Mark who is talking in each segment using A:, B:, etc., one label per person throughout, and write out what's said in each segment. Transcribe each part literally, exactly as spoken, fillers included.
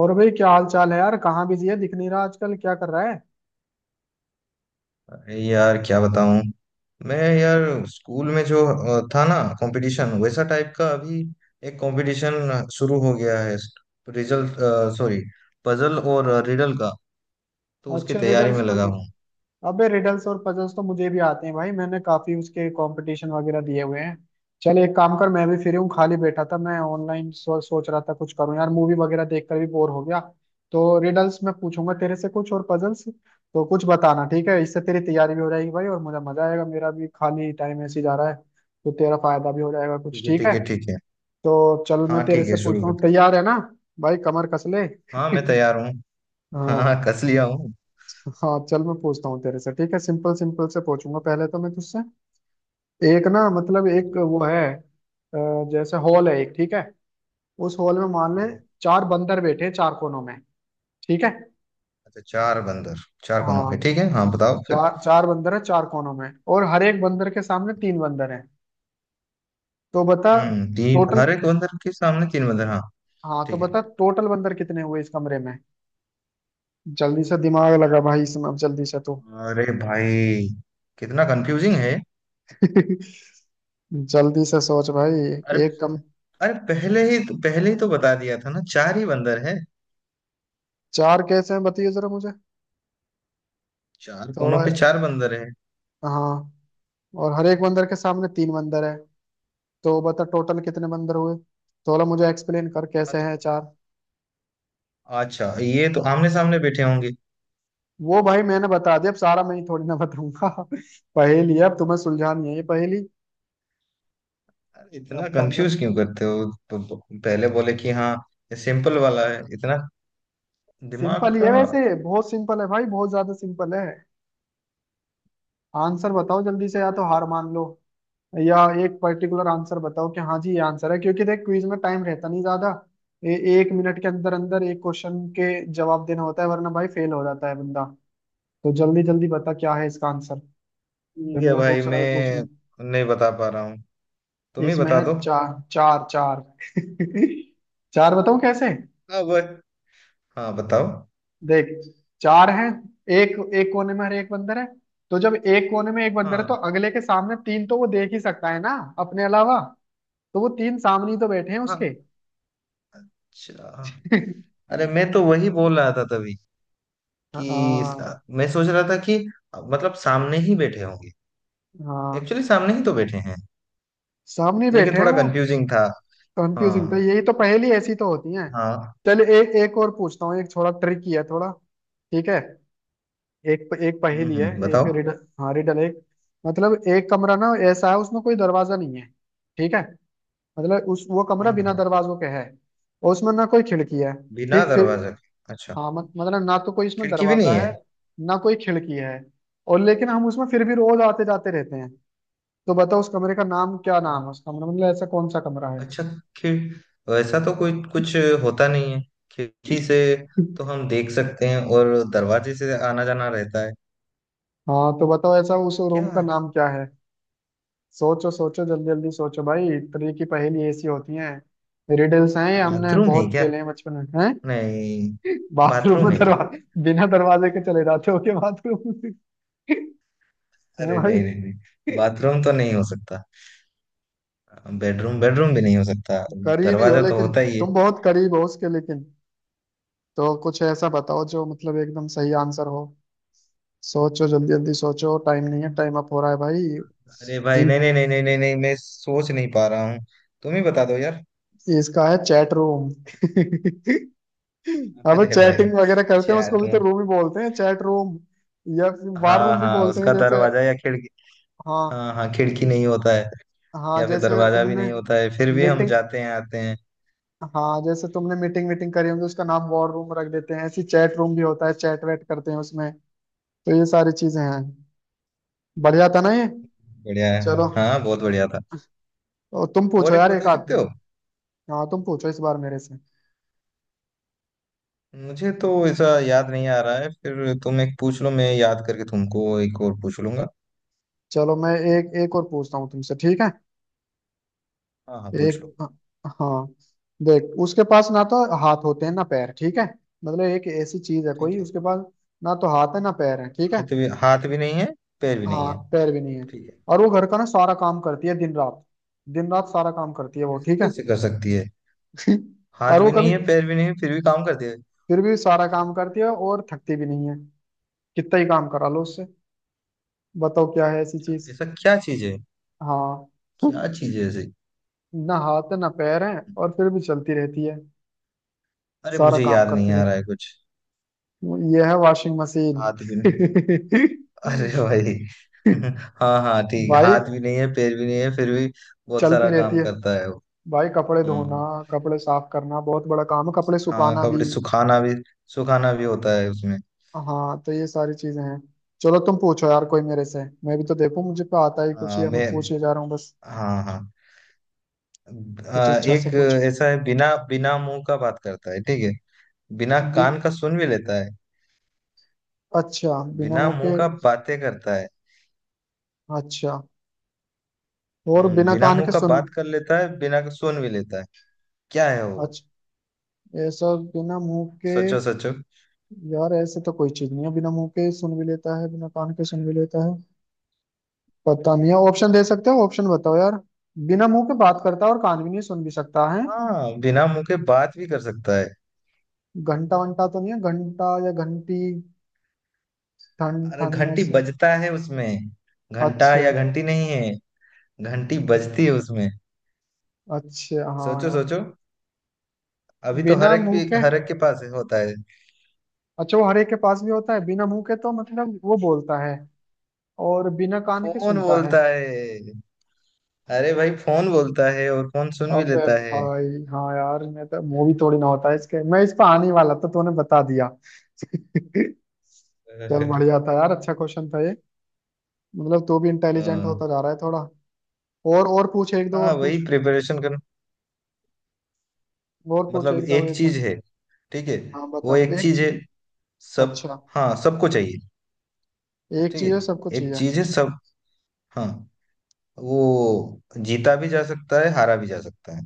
A: और भाई क्या हाल चाल है यार। कहाँ बिजी है, दिख नहीं रहा आजकल। क्या कर रहा है?
B: अरे यार क्या बताऊं। मैं यार स्कूल में जो अ, था ना, कंपटीशन वैसा टाइप का। अभी एक कंपटीशन शुरू हो गया है। रिजल्ट, सॉरी, पजल और रिडल का। तो उसकी
A: अच्छा,
B: तैयारी
A: रिडल्स
B: में लगा
A: पजल्स।
B: हूँ।
A: अबे रिडल्स और पजल्स तो मुझे भी आते हैं भाई, मैंने काफी उसके कंपटीशन वगैरह दिए हुए हैं। चल एक काम कर, मैं भी फ्री हूँ, खाली बैठा था मैं ऑनलाइन, सो, सोच रहा था कुछ करूँ यार, मूवी वगैरह देखकर भी बोर हो गया। तो रिडल्स मैं पूछूंगा तेरे से कुछ, और पजल्स तो कुछ बताना, ठीक है। इससे तेरी तैयारी भी हो जाएगी भाई और मुझे मजा आएगा, मेरा भी खाली टाइम ऐसे ही जा रहा है, तो तेरा फायदा भी हो जाएगा
B: ठीक
A: कुछ,
B: है,
A: ठीक
B: ठीक
A: है।
B: है, ठीक है।
A: तो चल मैं
B: हाँ
A: तेरे
B: ठीक है,
A: से
B: शुरू
A: पूछता हूँ,
B: करते हैं।
A: तैयार है ना। भाई कमर कस ले।
B: हाँ मैं तैयार हूँ। हाँ
A: हाँ।
B: हाँ, कस लिया हूँ।
A: हाँ चल मैं पूछता हूँ तेरे से, ठीक है। सिंपल सिंपल से पूछूंगा पहले तो मैं तुझसे, एक ना मतलब
B: ठीक
A: एक
B: है,
A: वो है, अ, जैसे हॉल है एक, ठीक है। उस हॉल में मान ले
B: ठीक है।
A: चार बंदर बैठे हैं चार कोनों में, ठीक है।
B: अच्छा चार बंदर, चार कोनों
A: हाँ।
B: के, ठीक है, हाँ बताओ फिर।
A: चार चार बंदर है चार कोनों में, और हर एक बंदर के सामने तीन बंदर हैं। तो बता
B: हम्म, तीन
A: टोटल,
B: हर एक बंदर के सामने तीन बंदर, हाँ
A: हाँ तो
B: ठीक है।
A: बता टोटल बंदर कितने हुए इस कमरे में। जल्दी से दिमाग लगा भाई इसमें, अब जल्दी से तू।
B: अरे भाई, कितना कंफ्यूजिंग है।
A: जल्दी से सोच भाई,
B: अरे
A: एक कम।
B: अरे, पहले ही पहले ही तो बता दिया था ना, चार ही बंदर है।
A: चार कैसे हैं बताइए जरा मुझे,
B: चार कोनों
A: थोड़ा।
B: पे चार बंदर है।
A: हाँ और हर एक बंदर के सामने तीन बंदर है, तो बता टोटल कितने बंदर हुए। थोड़ा मुझे एक्सप्लेन कर कैसे हैं चार।
B: अच्छा, ये तो आमने सामने बैठे होंगे।
A: वो भाई मैंने बता दिया, अब सारा मैं ही थोड़ी ना बताऊंगा। पहेली है, अब तुम्हें सुलझानी है ये पहेली।
B: अरे इतना
A: अब
B: कंफ्यूज क्यों करते हो? प- प- पहले बोले कि हाँ, ये सिंपल वाला है इतना, दिमाग
A: सिंपल ही
B: का।
A: है वैसे, बहुत सिंपल है भाई, बहुत ज्यादा सिंपल है। आंसर बताओ जल्दी से, या तो हार मान लो, या एक पर्टिकुलर आंसर बताओ कि हाँ जी ये आंसर है। क्योंकि देख क्विज में टाइम रहता नहीं ज्यादा, ए, एक मिनट के अंदर अंदर एक क्वेश्चन के जवाब देना होता है, वरना भाई फेल हो जाता है बंदा। तो जल्दी जल्दी बता क्या है इसका आंसर, फिर
B: ठीक है
A: मुझे
B: भाई,
A: दूसरा भी पूछना।
B: मैं नहीं बता पा रहा हूँ, तुम ही
A: इसमें
B: बता
A: है
B: दो।
A: चार, चार चार। चार बताऊं कैसे।
B: हाँ वो, हाँ बताओ।
A: देख चार है, एक एक कोने में हर एक बंदर है। तो जब एक कोने में एक बंदर है तो
B: हाँ
A: अगले के सामने तीन, तो वो देख ही सकता है ना अपने अलावा। तो वो तीन सामने ही तो बैठे हैं
B: हाँ,
A: उसके।
B: अच्छा, अरे मैं तो वही बोल रहा था तभी कि
A: हाँ।
B: स- मैं सोच रहा था कि मतलब सामने ही बैठे होंगे।
A: हाँ
B: एक्चुअली सामने ही तो बैठे हैं,
A: सामने
B: लेकिन
A: बैठे हैं
B: थोड़ा
A: वो।
B: कंफ्यूजिंग था।
A: कंफ्यूजिंग तो
B: हाँ
A: यही तो, पहेली ऐसी तो होती है।
B: हाँ।
A: चल एक एक और पूछता हूँ, एक थोड़ा ट्रिकी है थोड़ा, ठीक है। एक एक
B: हम्म
A: पहेली है,
B: हम्म,
A: एक
B: बताओ।
A: रिडल, हाँ रिडल एक, मतलब एक कमरा ना ऐसा है उसमें कोई दरवाजा नहीं है, ठीक है। मतलब उस वो कमरा
B: हम्म
A: बिना
B: हम्म,
A: दरवाजों के है, और उसमें ना कोई खिड़की है।
B: बिना
A: ठीक फिर।
B: दरवाजे के, अच्छा,
A: हाँ मत, मतलब ना तो कोई इसमें
B: खिड़की भी
A: दरवाजा
B: नहीं है।
A: है, ना कोई खिड़की है, और लेकिन हम उसमें फिर भी रोज आते जाते रहते हैं। तो बताओ उस कमरे का नाम क्या, नाम है उस कमरे, मतलब ऐसा कौन सा कमरा है।
B: अच्छा, खिड़ वैसा तो कोई कुछ होता नहीं है। खिड़की से तो हम देख सकते हैं और दरवाजे से आना जाना रहता है।
A: हाँ तो बताओ ऐसा उस रूम
B: क्या
A: का नाम क्या है। सोचो सोचो जल्दी जल्दी सोचो भाई, इतनी की पहेली ऐसी होती हैं। रिडल्स हैं ये, हमने
B: बाथरूम है
A: बहुत
B: क्या?
A: खेले हैं बचपन में हैं।
B: नहीं,
A: बाथरूम
B: बाथरूम
A: में
B: है क्या?
A: दरवाजे, बिना दरवाजे के चले जाते हो के बाथरूम में। हैं
B: अरे
A: भाई,
B: नहीं नहीं नहीं, बाथरूम तो नहीं हो सकता। बेडरूम, बेडरूम भी नहीं हो सकता,
A: करीब ही हो
B: दरवाजा तो
A: लेकिन,
B: होता ही है।
A: तुम बहुत करीब हो उसके लेकिन। तो कुछ ऐसा बताओ जो मतलब एकदम सही आंसर हो। सोचो जल्दी जल्दी सोचो, टाइम नहीं है, टाइम अप हो रहा है भाई।
B: अरे भाई,
A: तीन।
B: नहीं नहीं नहीं नहीं नहीं नहीं, मैं सोच नहीं पा रहा हूँ, तुम ही बता दो यार।
A: इसका है चैट रूम। अब
B: अरे भाई
A: चैटिंग वगैरह करते हैं उसको
B: चैट
A: भी
B: में।
A: तो रूम ही बोलते हैं, चैट रूम, या फिर वार
B: हाँ
A: रूम भी
B: हाँ,
A: बोलते हैं
B: उसका
A: जैसे।
B: दरवाजा या खिड़की।
A: हाँ।
B: हाँ हाँ, खिड़की नहीं होता है
A: हाँ
B: या फिर
A: जैसे
B: दरवाजा भी
A: तुमने
B: नहीं होता है, फिर भी हम
A: मीटिंग,
B: जाते हैं आते हैं।
A: हाँ जैसे तुमने मीटिंग मीटिंग करी होगी उसका नाम वॉर रूम रख देते हैं, ऐसी चैट रूम भी होता है, चैट वैट करते हैं उसमें। तो ये सारी चीजें हैं। बढ़िया था ना ये।
B: बढ़िया है।
A: चलो।
B: हाँ बहुत बढ़िया था।
A: और तुम पूछो
B: और एक
A: यार एक
B: बता
A: आध।
B: सकते हो?
A: हाँ तुम पूछो इस बार मेरे से।
B: मुझे तो ऐसा याद नहीं आ रहा है, फिर तुम एक पूछ लो, मैं याद करके तुमको एक और पूछ लूंगा।
A: चलो मैं एक एक और पूछता हूँ तुमसे, ठीक है।
B: हाँ हाँ, पूछ लो।
A: एक, हाँ, देख उसके पास ना तो हाथ होते हैं ना पैर, ठीक है। मतलब एक ऐसी चीज है कोई
B: ठीक है।
A: उसके पास ना तो हाथ है ना पैर है, ठीक है।
B: हाथ भी हाथ भी नहीं है, पैर भी नहीं
A: हाँ
B: है,
A: पैर भी नहीं है,
B: ठीक है।
A: और वो घर का ना सारा काम करती है दिन रात। दिन रात सारा काम करती है वो,
B: ऐसे
A: ठीक है।
B: कैसे कर सकती है?
A: और
B: हाथ
A: वो
B: भी
A: कभी,
B: नहीं है, पैर भी नहीं है, फिर भी काम करती है।
A: फिर भी सारा काम करती है और थकती भी नहीं है। कितना ही काम करा लो उससे। बताओ क्या है ऐसी चीज।
B: ऐसा क्या चीज है?
A: हाँ।
B: क्या चीज है ऐसी?
A: ना हाथ है ना पैर है और फिर भी चलती रहती है,
B: अरे
A: सारा
B: मुझे
A: काम
B: याद नहीं
A: करती
B: आ रहा
A: रहती
B: है
A: है।
B: कुछ।
A: ये है वॉशिंग मशीन।
B: हाथ भी नहीं। अरे भाई। हाँ हाँ ठीक,
A: भाई
B: हाथ भी नहीं है, पैर भी नहीं है, फिर भी बहुत
A: चलती
B: सारा
A: रहती
B: काम
A: है
B: करता है वो।
A: भाई, कपड़े
B: हाँ
A: धोना, कपड़े साफ करना बहुत बड़ा काम है, कपड़े
B: हाँ,
A: सुखाना भी।
B: कपड़े सुखाना भी, सुखाना भी होता है उसमें।
A: हाँ तो ये सारी चीजें हैं। चलो तुम पूछो यार कोई मेरे से, मैं भी तो देखूं। मुझे तो आता ही कुछ ही
B: हाँ
A: है, मैं
B: मैं,
A: पूछे जा रहा हूँ बस।
B: हाँ हाँ,
A: कुछ
B: आ,
A: अच्छा सा
B: एक
A: कुछ।
B: ऐसा है, बिना बिना मुंह का बात करता है, ठीक है, बिना
A: बि,
B: कान का सुन भी लेता है।
A: अच्छा बिना
B: बिना
A: मुंह
B: मुंह
A: के।
B: का बातें करता है।
A: अच्छा, और
B: हम्म,
A: बिना
B: बिना
A: कान
B: मुंह
A: के
B: का
A: सुन।
B: बात कर लेता है, बिना सुन भी लेता है। क्या है वो?
A: अच्छा, ऐसा बिना मुंह के।
B: सोचो सोचो।
A: यार ऐसे तो कोई चीज नहीं है, बिना मुंह के सुन भी लेता है बिना कान के सुन भी लेता है। पता नहीं है, ऑप्शन दे सकते हो, ऑप्शन बताओ यार। बिना मुंह के बात करता है, और कान भी नहीं, सुन भी सकता है।
B: हाँ बिना मुंह के बात भी कर सकता है।
A: घंटा वंटा तो नहीं है, घंटा या घंटी, ठन
B: अरे
A: ठन
B: घंटी
A: ऐसे।
B: बजता है उसमें? घंटा
A: अच्छा।
B: या घंटी नहीं है। घंटी बजती है उसमें।
A: अच्छा हाँ
B: सोचो
A: यार,
B: सोचो। अभी तो
A: बिना
B: हर एक
A: मुंह
B: भी
A: के,
B: हर एक के पास है- होता है।
A: अच्छा वो हर एक के पास भी होता है, बिना मुंह के तो मतलब वो बोलता है, और बिना कान के
B: फोन
A: सुनता है।
B: बोलता है। अरे भाई फोन बोलता है और फोन सुन भी
A: अबे
B: लेता है।
A: भाई हाँ यार, मैं तो, मुंह भी थोड़ी ना होता है इसके, मैं इस पर आने ही वाला था तो तूने बता दिया। चल बढ़िया था यार, अच्छा क्वेश्चन था ये। मतलब तू भी इंटेलिजेंट
B: हाँ
A: होता जा रहा है थोड़ा। और और पूछ, एक दो
B: हाँ,
A: और
B: वही
A: पूछ।
B: प्रिपरेशन कर।
A: और पूछ
B: मतलब
A: एक दो
B: एक
A: ऐसा।
B: चीज है, ठीक है,
A: हाँ
B: वो
A: बता
B: एक
A: एक
B: चीज है
A: ची-
B: सब,
A: अच्छा
B: हाँ सबको चाहिए,
A: एक
B: ठीक
A: चीज है सबको
B: है, एक
A: चाहिए।
B: चीज है सब। हाँ, वो जीता भी जा सकता है, हारा भी जा सकता है,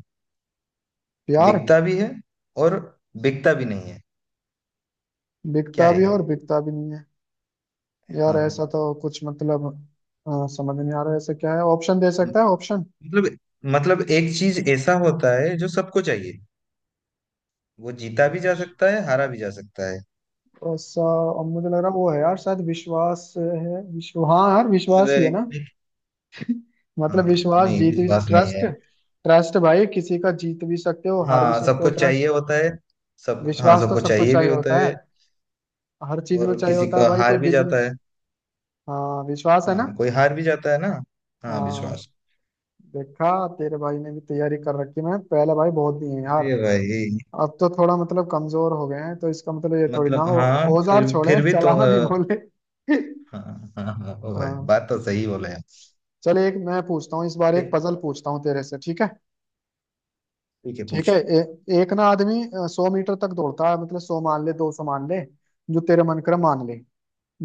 A: प्यार।
B: बिकता भी है और बिकता भी नहीं है। क्या
A: बिकता
B: है
A: भी है
B: ये?
A: और बिकता भी नहीं है। यार
B: हाँ,
A: ऐसा तो कुछ मतलब, अ, समझ नहीं आ रहा है ऐसा क्या है, ऑप्शन दे
B: म-
A: सकता है ऑप्शन।
B: मतलब मतलब एक चीज ऐसा होता है जो सबको चाहिए, वो जीता भी जा
A: अच्छा
B: सकता है, हारा भी जा सकता है।
A: ऐसा। अब मुझे लग रहा है वो है यार, शायद विश्वास है, विश्व हाँ यार विश्वास
B: अरे
A: ही है ना।
B: नहीं,
A: मतलब
B: हाँ
A: विश्वास
B: नहीं
A: जीत भी,
B: विश्वास नहीं
A: ट्रस्ट,
B: है,
A: ट्रस्ट भाई, किसी का जीत भी सकते हो हार भी
B: हाँ
A: सकते हो
B: सबको
A: ट्रस्ट।
B: चाहिए होता है, सब, हाँ
A: विश्वास तो
B: सबको
A: सबको
B: चाहिए भी
A: चाहिए
B: होता
A: होता है,
B: है
A: हर चीज में
B: और
A: चाहिए
B: किसी
A: होता है
B: का
A: भाई, कोई
B: हार भी जाता
A: बिजनेस।
B: है।
A: हाँ विश्वास है ना।
B: हाँ कोई हार भी जाता है ना, हाँ
A: हाँ
B: विश्वास।
A: देखा, तेरे भाई ने भी तैयारी कर रखी। मैं पहले भाई बहुत दिए हैं यार।
B: अरे भाई,
A: अब तो थोड़ा मतलब कमजोर हो गए हैं, तो इसका मतलब ये थोड़ी ना
B: मतलब
A: हो,
B: हाँ
A: औजार
B: फिर
A: छोड़े
B: फिर भी तो।
A: चलाना नहीं बोले।
B: हाँ हाँ हाँ, ओ भाई,
A: हाँ।
B: बात तो सही बोले आप।
A: चले, एक मैं पूछता हूँ इस बार,
B: फिर
A: एक पजल पूछता हूँ तेरे से, ठीक है।
B: ठीक है,
A: ठीक है,
B: पूछ।
A: ए, एक ना आदमी सौ मीटर तक दौड़ता है, मतलब सौ मान ले दो सौ मान ले, जो तेरे मन करे मान ले।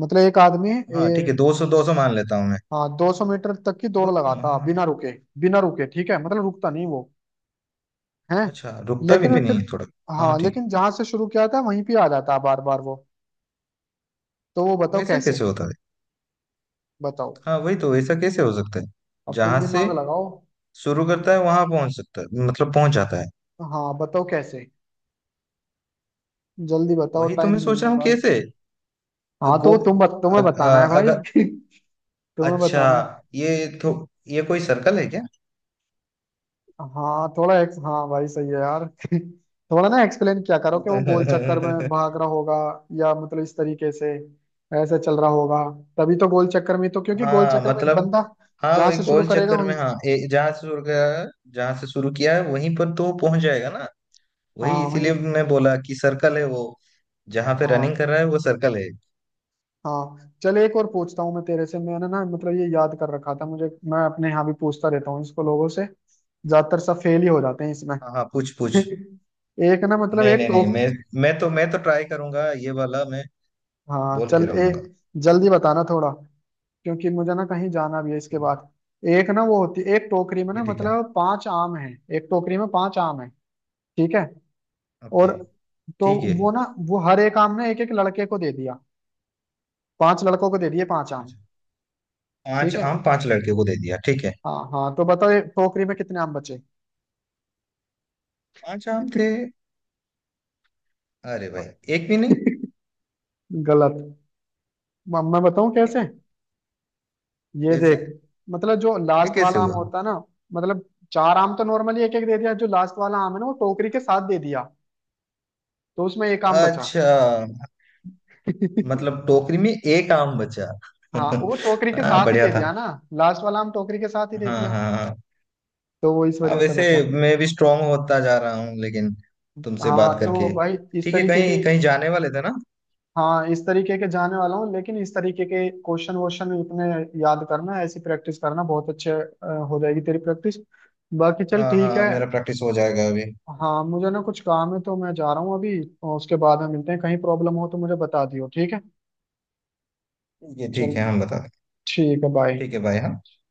A: मतलब एक आदमी,
B: हाँ ठीक है, दो सौ, दो सौ मान लेता हूँ मैं।
A: हाँ दो सौ मीटर तक की दौड़
B: दो सौ मान
A: लगाता
B: मान-
A: बिना रुके, बिना रुके ठीक है, मतलब रुकता नहीं वो, है।
B: अच्छा रुकता भी
A: लेकिन मैं
B: नहीं
A: फिर,
B: है थोड़ा, हाँ
A: हाँ
B: ठीक है।
A: लेकिन जहां से शुरू किया था वहीं पे आ जाता बार बार वो। तो वो बताओ
B: वैसा
A: कैसे।
B: कैसे होता है?
A: बताओ,
B: हाँ वही तो, वैसा कैसे हो सकता है?
A: अब तुम
B: जहां से
A: दिमाग लगाओ।
B: शुरू करता है वहां पहुंच सकता है, मतलब पहुंच जाता है।
A: हाँ बताओ कैसे, जल्दी बताओ
B: वही तो
A: टाइम
B: मैं
A: नहीं
B: सोच
A: है
B: रहा हूँ
A: भाई।
B: कैसे।
A: हाँ तो
B: गो
A: वो तुम बत, तुम्हें
B: अग,
A: बताना है
B: अ-
A: भाई।
B: अगर,
A: तुम्हें
B: अच्छा,
A: बताना है।
B: ये तो, ये कोई सर्कल है क्या?
A: हाँ थोड़ा ex- हाँ भाई सही है यार। थोड़ा ना एक्सप्लेन किया करो कि वो गोल चक्कर में भाग रहा होगा, या मतलब इस तरीके से ऐसे चल रहा होगा। तभी तो, गोल चक्कर में तो, क्योंकि गोल
B: हाँ,
A: चक्कर में
B: मतलब
A: बंदा
B: हाँ
A: जहां
B: वही
A: से शुरू
B: गोल
A: करेगा
B: चक्कर में,
A: वहीं।
B: हाँ ए- जहाँ से शुरू किया, जहाँ से शुरू किया है वहीं पर तो पहुंच जाएगा ना। वही
A: हाँ वहीं।
B: इसीलिए मैं बोला कि सर्कल है वो, जहाँ पे रनिंग
A: हाँ
B: कर रहा है वो सर्कल है।
A: हाँ चल एक और पूछता हूँ मैं तेरे से। मैंने ना मतलब ये याद कर रखा था मुझे, मैं अपने यहाँ भी पूछता रहता हूँ इसको, लोगों से ज्यादातर सब फेल ही हो जाते हैं इसमें।
B: हाँ हाँ, पूछ पूछ।
A: एक ना मतलब
B: नहीं
A: एक
B: नहीं नहीं,
A: टोक
B: मैं मैं तो मैं तो ट्राई करूंगा, ये वाला मैं
A: हाँ
B: बोल के
A: चल, ए,
B: रहूंगा।
A: जल्दी बताना थोड़ा क्योंकि मुझे ना कहीं जाना भी है इसके
B: ठीक
A: बाद। एक ना वो होती, एक टोकरी में ना
B: है, ठीक है,
A: मतलब पांच आम हैं। एक टोकरी में पांच आम हैं, ठीक है। और
B: ओके,
A: तो
B: ठीक है,
A: वो ना, वो हर एक आम ने एक एक लड़के को दे दिया, पांच लड़कों को दे दिए पांच आम,
B: अच्छा,
A: ठीक
B: पांच
A: है।
B: आम पांच लड़के को दे दिया, ठीक है।
A: हाँ हाँ तो बताओ ये टोकरी में कितने आम बचे।
B: पांच आम थे, अरे भाई, एक भी नहीं।
A: गलत। म- मैं बताऊं
B: क्यों?
A: कैसे, ये
B: कैसे?
A: देख, मतलब जो
B: ये
A: लास्ट वाला
B: कैसे
A: आम
B: हुआ?
A: होता है ना, मतलब चार आम तो नॉर्मली एक एक दे दिया, जो लास्ट वाला आम है ना वो टोकरी के साथ दे दिया, तो उसमें एक आम बचा।
B: अच्छा, मतलब टोकरी में एक आम बचा।
A: हाँ वो टोकरी के
B: हाँ
A: साथ ही
B: बढ़िया
A: दे
B: था।
A: दिया ना। लास्ट वाला हम टोकरी के साथ ही दे
B: हाँ
A: दिया,
B: हाँ हाँ।
A: तो वो इस
B: अब
A: वजह से
B: वैसे
A: बचा।
B: मैं भी स्ट्रांग होता जा रहा हूँ, लेकिन तुमसे
A: हाँ
B: बात
A: तो
B: करके।
A: भाई इस
B: ठीक है,
A: तरीके की,
B: कहीं कहीं जाने वाले थे ना।
A: हाँ इस तरीके के जाने वाला हूँ, लेकिन इस तरीके के क्वेश्चन वोश्चन इतने याद करना, ऐसी प्रैक्टिस करना, बहुत अच्छे अ, हो जाएगी तेरी प्रैक्टिस, बाकी चल
B: हाँ
A: ठीक
B: हाँ,
A: है।
B: मेरा प्रैक्टिस हो जाएगा अभी।
A: हाँ मुझे ना कुछ काम है तो मैं जा रहा हूँ अभी, और उसके बाद हम मिलते हैं। कहीं प्रॉब्लम हो तो मुझे बता दियो, ठीक है।
B: ठीक है,
A: चल,
B: ठीक है, हम बता दें।
A: ठीक है, बाय।
B: ठीक है भाई, हाँ।